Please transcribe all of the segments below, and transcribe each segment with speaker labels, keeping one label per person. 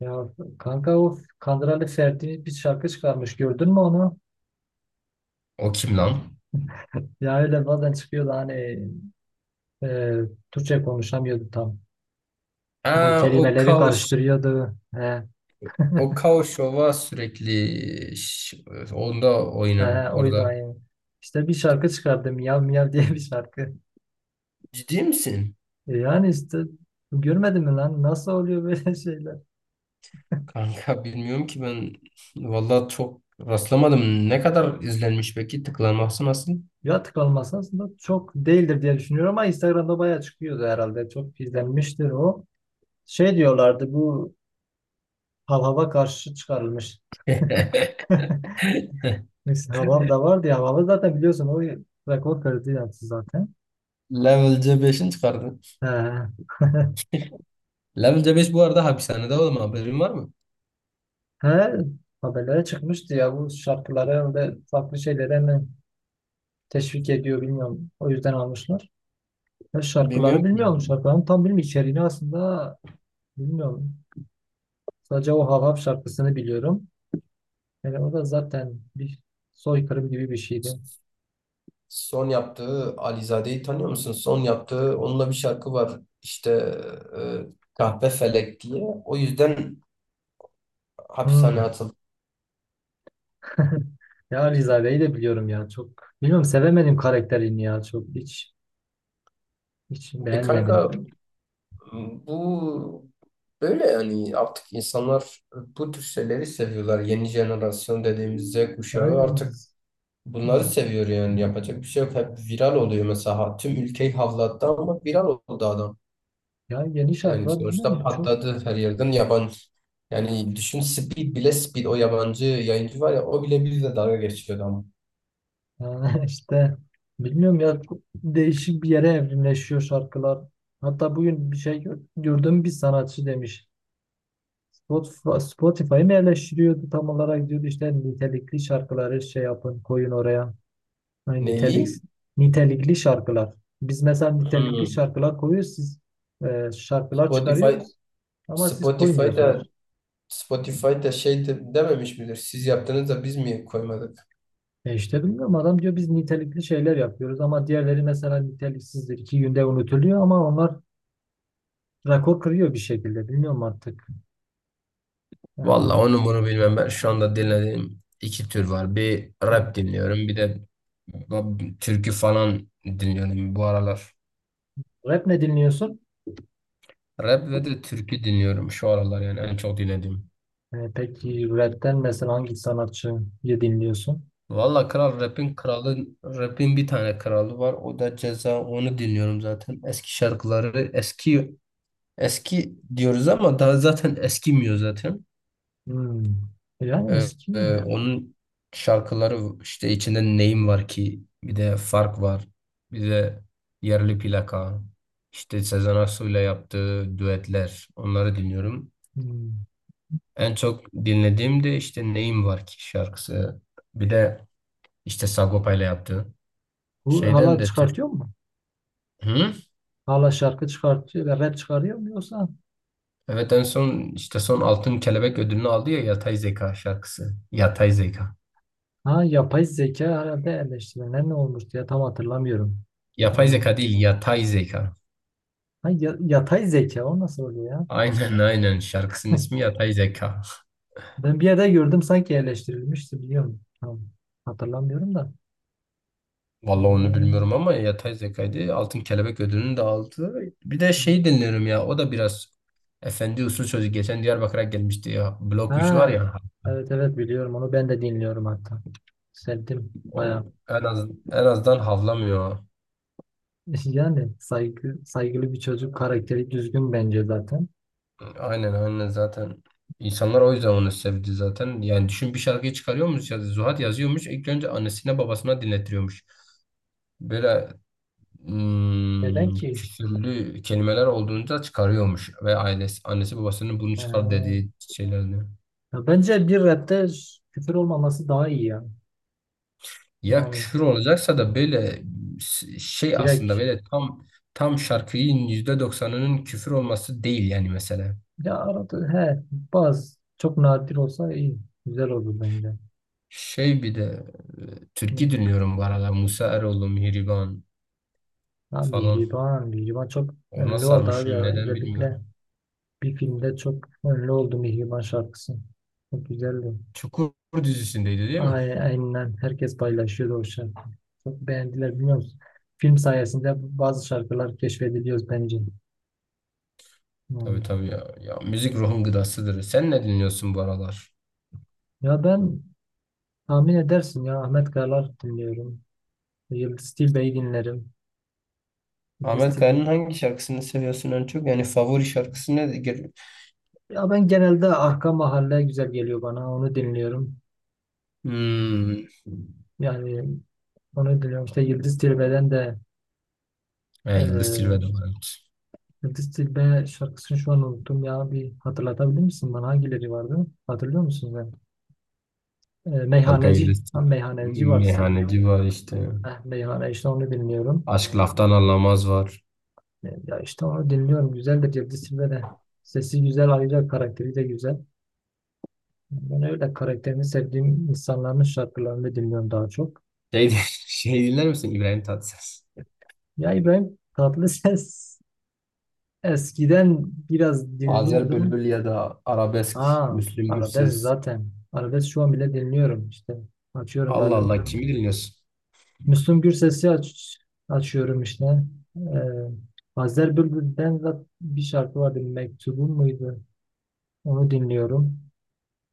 Speaker 1: Ya kanka, o Kandıra'lı Ferdi bir şarkı çıkarmış, gördün mü onu?
Speaker 2: O kim lan?
Speaker 1: Ya öyle bazen çıkıyordu hani, e, Türkçe konuşamıyordu tam.
Speaker 2: Ha,
Speaker 1: Hani
Speaker 2: o
Speaker 1: kelimeleri
Speaker 2: Kaos.
Speaker 1: karıştırıyordu. He,
Speaker 2: O Kaos Şov'a sürekli onda oynan
Speaker 1: he, oydu
Speaker 2: orada.
Speaker 1: aynı. İşte bir şarkı çıkardı, Miyav Miyav diye bir şarkı.
Speaker 2: Ciddi misin?
Speaker 1: Yani işte, görmedin mi lan nasıl oluyor böyle şeyler?
Speaker 2: Kanka bilmiyorum ki ben vallahi çok rastlamadım. Ne kadar izlenmiş peki? Tıklanması nasıl?
Speaker 1: Ya tıklanması aslında çok değildir diye düşünüyorum, ama Instagram'da bayağı çıkıyordu herhalde. Çok izlenmiştir o. Şey diyorlardı, bu hava karşı çıkarılmış. Neyse, Havav da vardı ya. Havav zaten biliyorsun, o rekor kırdı yaptı zaten.
Speaker 2: Level C5'in çıkardı.
Speaker 1: He.
Speaker 2: Level C5 bu arada hapishanede oğlum haberin var mı?
Speaker 1: He. Haberlere çıkmıştı ya, bu şarkıları ve farklı şeylere mi teşvik ediyor bilmiyorum. O yüzden almışlar. Ben
Speaker 2: Bilmiyorum
Speaker 1: şarkıları
Speaker 2: ki.
Speaker 1: bilmiyorum. Şarkıların tam bilmiyorum, içeriğini aslında bilmiyorum. Sadece o Havav şarkısını biliyorum. Yani o da zaten bir soykırım gibi bir şeydi.
Speaker 2: Son yaptığı Alizade'yi tanıyor musun? Son yaptığı onunla bir şarkı var. İşte e, Kahpe Felek diye. O yüzden hapishaneye
Speaker 1: Hmm.
Speaker 2: atıldı.
Speaker 1: Ya Rizade'yi de biliyorum ya, çok. Bilmiyorum, sevemedim karakterini ya, çok. Hiç
Speaker 2: E kanka
Speaker 1: beğenmedim.
Speaker 2: bu böyle yani artık insanlar bu tür şeyleri seviyorlar. Yeni jenerasyon dediğimiz Z kuşağı
Speaker 1: Yani,
Speaker 2: artık bunları seviyor yani yapacak bir şey yok. Hep viral oluyor mesela. Ha, tüm ülkeyi havlattı ama viral oldu adam.
Speaker 1: ya yeni
Speaker 2: Yani
Speaker 1: şarkılar
Speaker 2: sonuçta
Speaker 1: bilmiyorum çok.
Speaker 2: patladı her yerden yabancı. Yani düşün Speed bile, Speed, o yabancı yayıncı var ya, o bile bizle dalga geçiyordu ama.
Speaker 1: Yani işte, bilmiyorum ya, çok değişik bir yere evrimleşiyor şarkılar. Hatta bugün bir şey gördüm, bir sanatçı demiş. Spotify'ı mı eleştiriyordu tam olarak, diyordu işte nitelikli şarkıları şey yapın, koyun oraya. Hani
Speaker 2: Neli?
Speaker 1: nitelikli şarkılar. Biz mesela nitelikli
Speaker 2: Hmm.
Speaker 1: şarkılar koyuyoruz, siz şarkılar
Speaker 2: Spotify
Speaker 1: çıkarıyoruz ama siz
Speaker 2: Spotify'da
Speaker 1: koymuyorsunuz.
Speaker 2: Spotify'da şey de, dememiş midir? Siz yaptınız da biz mi koymadık?
Speaker 1: E işte bilmiyorum, adam diyor biz nitelikli şeyler yapıyoruz, ama diğerleri mesela niteliksizdir. İki günde unutuluyor ama onlar rekor kırıyor bir şekilde. Bilmiyorum artık.
Speaker 2: Valla
Speaker 1: Yani,
Speaker 2: onu bunu bilmem, ben şu anda dinlediğim iki tür var. Bir
Speaker 1: ha.
Speaker 2: rap dinliyorum, bir de türkü falan dinliyorum bu aralar.
Speaker 1: Rap ne dinliyorsun?
Speaker 2: Rap ve de türkü dinliyorum şu aralar yani, en çok dinlediğim.
Speaker 1: Peki rapten mesela hangi sanatçıyı dinliyorsun?
Speaker 2: Valla kral, rapin kralı, rapin bir tane kralı var, o da Ceza, onu dinliyorum zaten. Eski şarkıları, eski eski diyoruz ama daha zaten eskimiyor zaten.
Speaker 1: Hmm. Yani eski mi?
Speaker 2: Onun şarkıları işte, içinde Neyim Var Ki bir de Fark var. Bir de Yerli Plaka. İşte Sezen Aksu ile yaptığı düetler. Onları dinliyorum.
Speaker 1: Hmm.
Speaker 2: En çok dinlediğim de işte Neyim Var Ki şarkısı. Bir de işte Sagopa ile yaptığı.
Speaker 1: Bu
Speaker 2: Şeyden
Speaker 1: hala
Speaker 2: de Türk.
Speaker 1: çıkartıyor mu?
Speaker 2: Hı?
Speaker 1: Hala şarkı çıkartıyor ve rap çıkarıyor mu yoksa?
Speaker 2: Evet, en son işte son Altın Kelebek ödülünü aldı ya, Yatay Zeka şarkısı. Yatay Zeka.
Speaker 1: Ha, yapay zeka herhalde eleştirilen, ne olmuştu ya, tam hatırlamıyorum.
Speaker 2: Yapay
Speaker 1: Yani, o...
Speaker 2: zeka değil, yatay zeka.
Speaker 1: Ha, yatay zeka, o nasıl oluyor ya?
Speaker 2: Aynen aynen, şarkısının ismi Yatay Zeka.
Speaker 1: Ben bir yerde gördüm sanki, yerleştirilmişti biliyorum. Tam hatırlamıyorum da. Ha,
Speaker 2: Vallahi onu bilmiyorum ama yapay zekaydı. Altın Kelebek ödülünü de aldı. Bir de şey dinliyorum ya, o da biraz efendi usul çocuk. Geçen Diyarbakır'a gelmişti ya. Blok 3 var
Speaker 1: ha.
Speaker 2: ya.
Speaker 1: Evet, evet, biliyorum onu, ben de dinliyorum hatta. Sevdim
Speaker 2: O
Speaker 1: bayağı.
Speaker 2: en az, en azından havlamıyor.
Speaker 1: Yani saygılı bir çocuk, karakteri düzgün bence zaten.
Speaker 2: Aynen aynen zaten. İnsanlar o yüzden onu sevdi zaten. Yani düşün, bir şarkıyı çıkarıyormuş ya Zuhat, yazıyormuş. İlk önce annesine babasına dinletiyormuş. Böyle
Speaker 1: Neden ki?
Speaker 2: küfürlü kelimeler olduğunda çıkarıyormuş, ve ailesi annesi babasının bunu çıkar
Speaker 1: Ha.
Speaker 2: dediği şeylerdi.
Speaker 1: Ya bence bir rapte küfür olmaması daha iyi ya.
Speaker 2: Ya
Speaker 1: Yani
Speaker 2: küfür olacaksa da böyle şey, aslında
Speaker 1: direkt,
Speaker 2: böyle tam şarkının %90'ının küfür olması değil yani, mesela.
Speaker 1: ya arada he, bazı çok nadir olsa iyi. Güzel olur bence.
Speaker 2: Şey bir de
Speaker 1: Hı.
Speaker 2: türkü dinliyorum bu arada. Musa Eroğlu, Mihriban
Speaker 1: Ya
Speaker 2: falan.
Speaker 1: Mihriban çok
Speaker 2: Ona
Speaker 1: ünlü oldu abi
Speaker 2: sarmışım,
Speaker 1: ya.
Speaker 2: neden
Speaker 1: Özellikle
Speaker 2: bilmiyorum.
Speaker 1: bir filmde çok ünlü oldu Mihriban şarkısı. Çok güzeldi.
Speaker 2: Çukur dizisindeydi değil mi?
Speaker 1: Ay, aynen, herkes paylaşıyordu o şarkıyı. Çok beğendiler, biliyor musun? Film sayesinde bazı şarkılar keşfediliyoruz bence.
Speaker 2: Tabii
Speaker 1: Yani.
Speaker 2: tabii ya. Ya müzik ruhun gıdasıdır. Sen ne dinliyorsun bu aralar?
Speaker 1: Ya ben, tahmin edersin ya, Ahmet Kayalar dinliyorum. Yıldız Tilbe'yi dinlerim. Yıldız
Speaker 2: Ahmet
Speaker 1: Tilbe.
Speaker 2: Kaya'nın hangi şarkısını seviyorsun en çok? Yani favori şarkısı nedir?
Speaker 1: Ya ben genelde Arka Mahalle, güzel geliyor bana. Onu dinliyorum.
Speaker 2: Hmm.
Speaker 1: Yani onu dinliyorum. İşte Yıldız Tilbe'den de...
Speaker 2: Ha, Yıldız Tilbe de
Speaker 1: Ee,
Speaker 2: var, evet.
Speaker 1: Dilbe şarkısını şu an unuttum ya. Bir hatırlatabilir misin bana? Hangileri vardı? Hatırlıyor musun sen? Ee,
Speaker 2: Kanka
Speaker 1: meyhaneci.
Speaker 2: liste,
Speaker 1: Ha, meyhaneci vardı sanırım.
Speaker 2: meyhaneci var işte.
Speaker 1: Meyhane işte, onu bilmiyorum.
Speaker 2: Aşk Laftan Anlamaz var.
Speaker 1: Ya işte onu dinliyorum. Güzel de Cevdet Silbe de. Sesi güzel, ayrıca karakteri de güzel. Ben öyle karakterini sevdiğim insanların şarkılarını dinliyorum daha çok.
Speaker 2: Şey, şey, dinler misin İbrahim Tatlıses?
Speaker 1: Ya İbrahim Tatlıses, eskiden biraz
Speaker 2: Azer
Speaker 1: dinliyordum.
Speaker 2: Bülbül ya da arabesk,
Speaker 1: Ha,
Speaker 2: Müslüm
Speaker 1: arabesk
Speaker 2: Gürses.
Speaker 1: zaten. Arabesk şu an bile dinliyorum işte. Açıyorum
Speaker 2: Allah
Speaker 1: bazen
Speaker 2: Allah, kimi dinliyorsun?
Speaker 1: Müslüm Gürses'i, açıyorum işte. Ee, Azer Bülbül'den bir şarkı vardı, Mektubun muydu? Onu dinliyorum.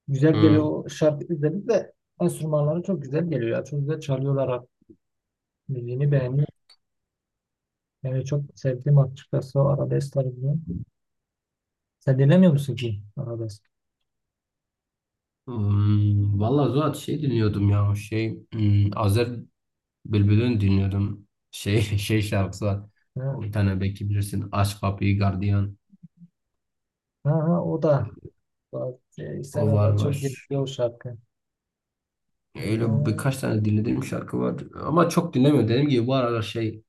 Speaker 1: Güzel geliyor
Speaker 2: Hı.
Speaker 1: o şarkı, özellikle enstrümanları çok güzel geliyor ya. Çok güzel çalıyorlar abi. Müziğini beğeniyorum. Yani çok sevdiğim açıkçası o arabesk tarzını. Sen dinlemiyor musun ki arabesk?
Speaker 2: Hmm, valla Zuhat şey dinliyordum ya, şey Azer Bülbül'ün dinliyordum. Şey şey şarkısı var.
Speaker 1: Ha,
Speaker 2: O bir tane, belki bilirsin. Aç Kapıyı Gardiyan.
Speaker 1: ha, ha, o da. Bak,
Speaker 2: O var
Speaker 1: Instagram'da çok
Speaker 2: var.
Speaker 1: geliyor o şarkı. Ha,
Speaker 2: Öyle birkaç tane dinlediğim şarkı var. Ama çok dinlemiyorum. Dediğim gibi bu aralar şey,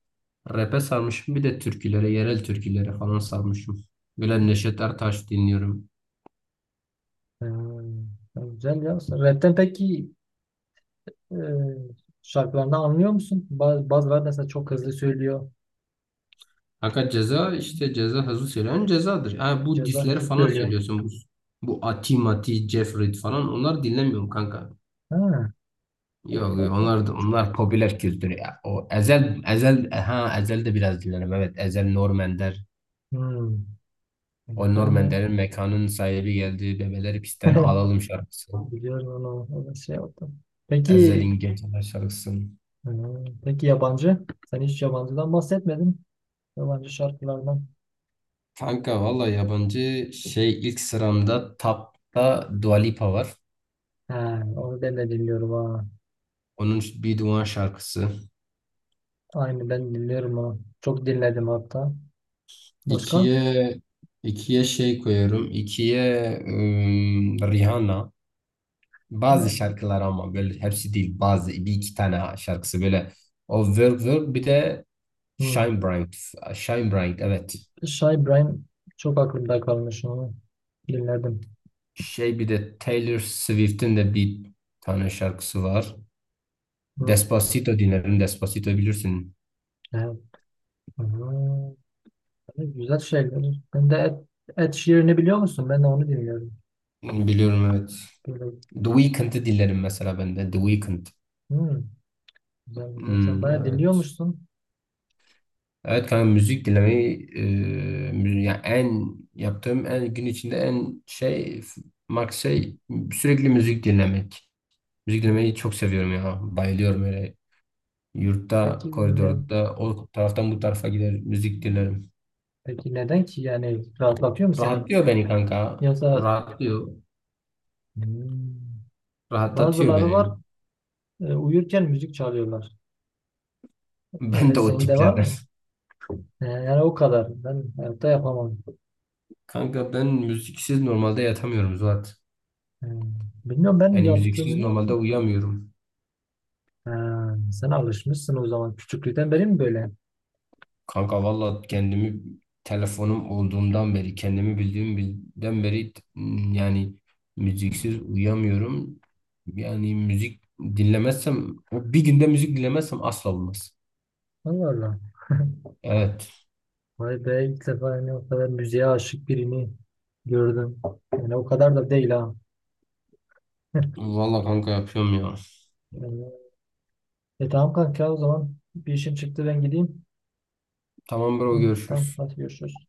Speaker 2: rap'e sarmışım, bir de türkülere, yerel türkülere falan sarmışım. Böyle Neşet Ertaş dinliyorum.
Speaker 1: ha, güzel ya. Rap'ten peki, e, şarkılarında anlıyor musun? Bazıları mesela çok hızlı söylüyor.
Speaker 2: Fakat Ceza, işte Ceza, hızlı söyleyen Ceza'dır. Ha, bu
Speaker 1: Ceza
Speaker 2: disleri
Speaker 1: hızlı
Speaker 2: falan
Speaker 1: söylüyor.
Speaker 2: söylüyorsun. Bu Ati Mati, Jeffrey falan, onlar dinlemiyorum kanka.
Speaker 1: Ha.
Speaker 2: Yok
Speaker 1: Allah
Speaker 2: yok,
Speaker 1: tabii.
Speaker 2: onlar da, onlar popüler kültür ya. O Ezel, Ezel, ha, Ezel de biraz dinlerim. Evet, Ezel, Norm Ender.
Speaker 1: Hmm.
Speaker 2: O
Speaker 1: Güzel
Speaker 2: Norm
Speaker 1: ya.
Speaker 2: Ender'in Mekanın Sahibi Geldi Bebeleri Pisten Alalım şarkısı.
Speaker 1: Biliyorum onu. O da şey oldu. Peki
Speaker 2: Ezel'in Geceler şarkısı.
Speaker 1: peki yabancı? Sen hiç yabancıdan bahsetmedin. Yabancı şarkılardan.
Speaker 2: Kanka valla, yabancı şey, ilk sıramda Tap'ta Dua Lipa var.
Speaker 1: He, onu ben de dinliyorum ha.
Speaker 2: Onun Bir Duman şarkısı.
Speaker 1: Aynı ben dinliyorum onu. Çok dinledim hatta. Başka?
Speaker 2: İkiye ikiye şey koyuyorum. İkiye Rihanna. Bazı şarkılar ama, böyle hepsi değil. Bazı bir iki tane şarkısı böyle. O Work Work, bir de
Speaker 1: Hmm.
Speaker 2: Shine Bright. Shine Bright, evet.
Speaker 1: Şah İbrahim, çok aklımda kalmış onu. Dinledim.
Speaker 2: Şey bir de Taylor Swift'in de bir tane şarkısı var.
Speaker 1: Hı.
Speaker 2: Despacito dinlerim. Despacito bilirsin.
Speaker 1: He, aa, hani güzel şeyler. Ben de Ed Sheeran'ı biliyor musun? Ben de onu dinliyorum.
Speaker 2: Biliyorum, evet.
Speaker 1: Böyle,
Speaker 2: The Weeknd'i dinlerim mesela ben de. The Weeknd.
Speaker 1: hmm, güzel, güzel. Sen
Speaker 2: Hmm,
Speaker 1: bayağı
Speaker 2: evet.
Speaker 1: dinliyormuşsun.
Speaker 2: Evet kanka, müzik dinlemeyi yani, en yaptığım, en gün içinde en şey, max şey, sürekli müzik dinlemek. Müzik dinlemeyi çok seviyorum ya. Bayılıyorum öyle. Yurtta,
Speaker 1: Peki, ne,
Speaker 2: koridorda o taraftan bu tarafa gider müzik dinlerim.
Speaker 1: peki neden ki? Yani rahatlatıyor mu seni?
Speaker 2: Rahatlıyor beni kanka.
Speaker 1: Yoksa...
Speaker 2: Rahatlıyor.
Speaker 1: hmm,
Speaker 2: Rahatlatıyor
Speaker 1: bazıları var,
Speaker 2: beni.
Speaker 1: uyurken müzik çalıyorlar.
Speaker 2: Ben
Speaker 1: Öyle
Speaker 2: de o
Speaker 1: senin de var
Speaker 2: tiplerden.
Speaker 1: mı? Yani o kadar. Ben hayatta yapamam.
Speaker 2: Kanka ben müziksiz normalde yatamıyorum Zuhat.
Speaker 1: Hmm, bilmiyorum, ben
Speaker 2: Yani müziksiz
Speaker 1: yaptığımda...
Speaker 2: normalde uyuyamıyorum.
Speaker 1: Ha, sen alışmışsın o zaman. Küçüklükten beri mi böyle?
Speaker 2: Kanka valla kendimi, telefonum olduğundan beri, kendimi bildiğim bilden beri yani müziksiz uyuyamıyorum. Yani müzik dinlemezsem, bir günde müzik dinlemezsem asla olmaz.
Speaker 1: Allah Allah.
Speaker 2: Evet.
Speaker 1: Vay be, ilk defa yani o kadar müziğe aşık birini gördüm. Yani o kadar da değil ha.
Speaker 2: Valla kanka, yapıyorum ya.
Speaker 1: Yani, tamam kanka, o zaman bir işim çıktı, ben gideyim.
Speaker 2: Tamam bro,
Speaker 1: Hı, tamam,
Speaker 2: görüşürüz.
Speaker 1: hadi görüşürüz.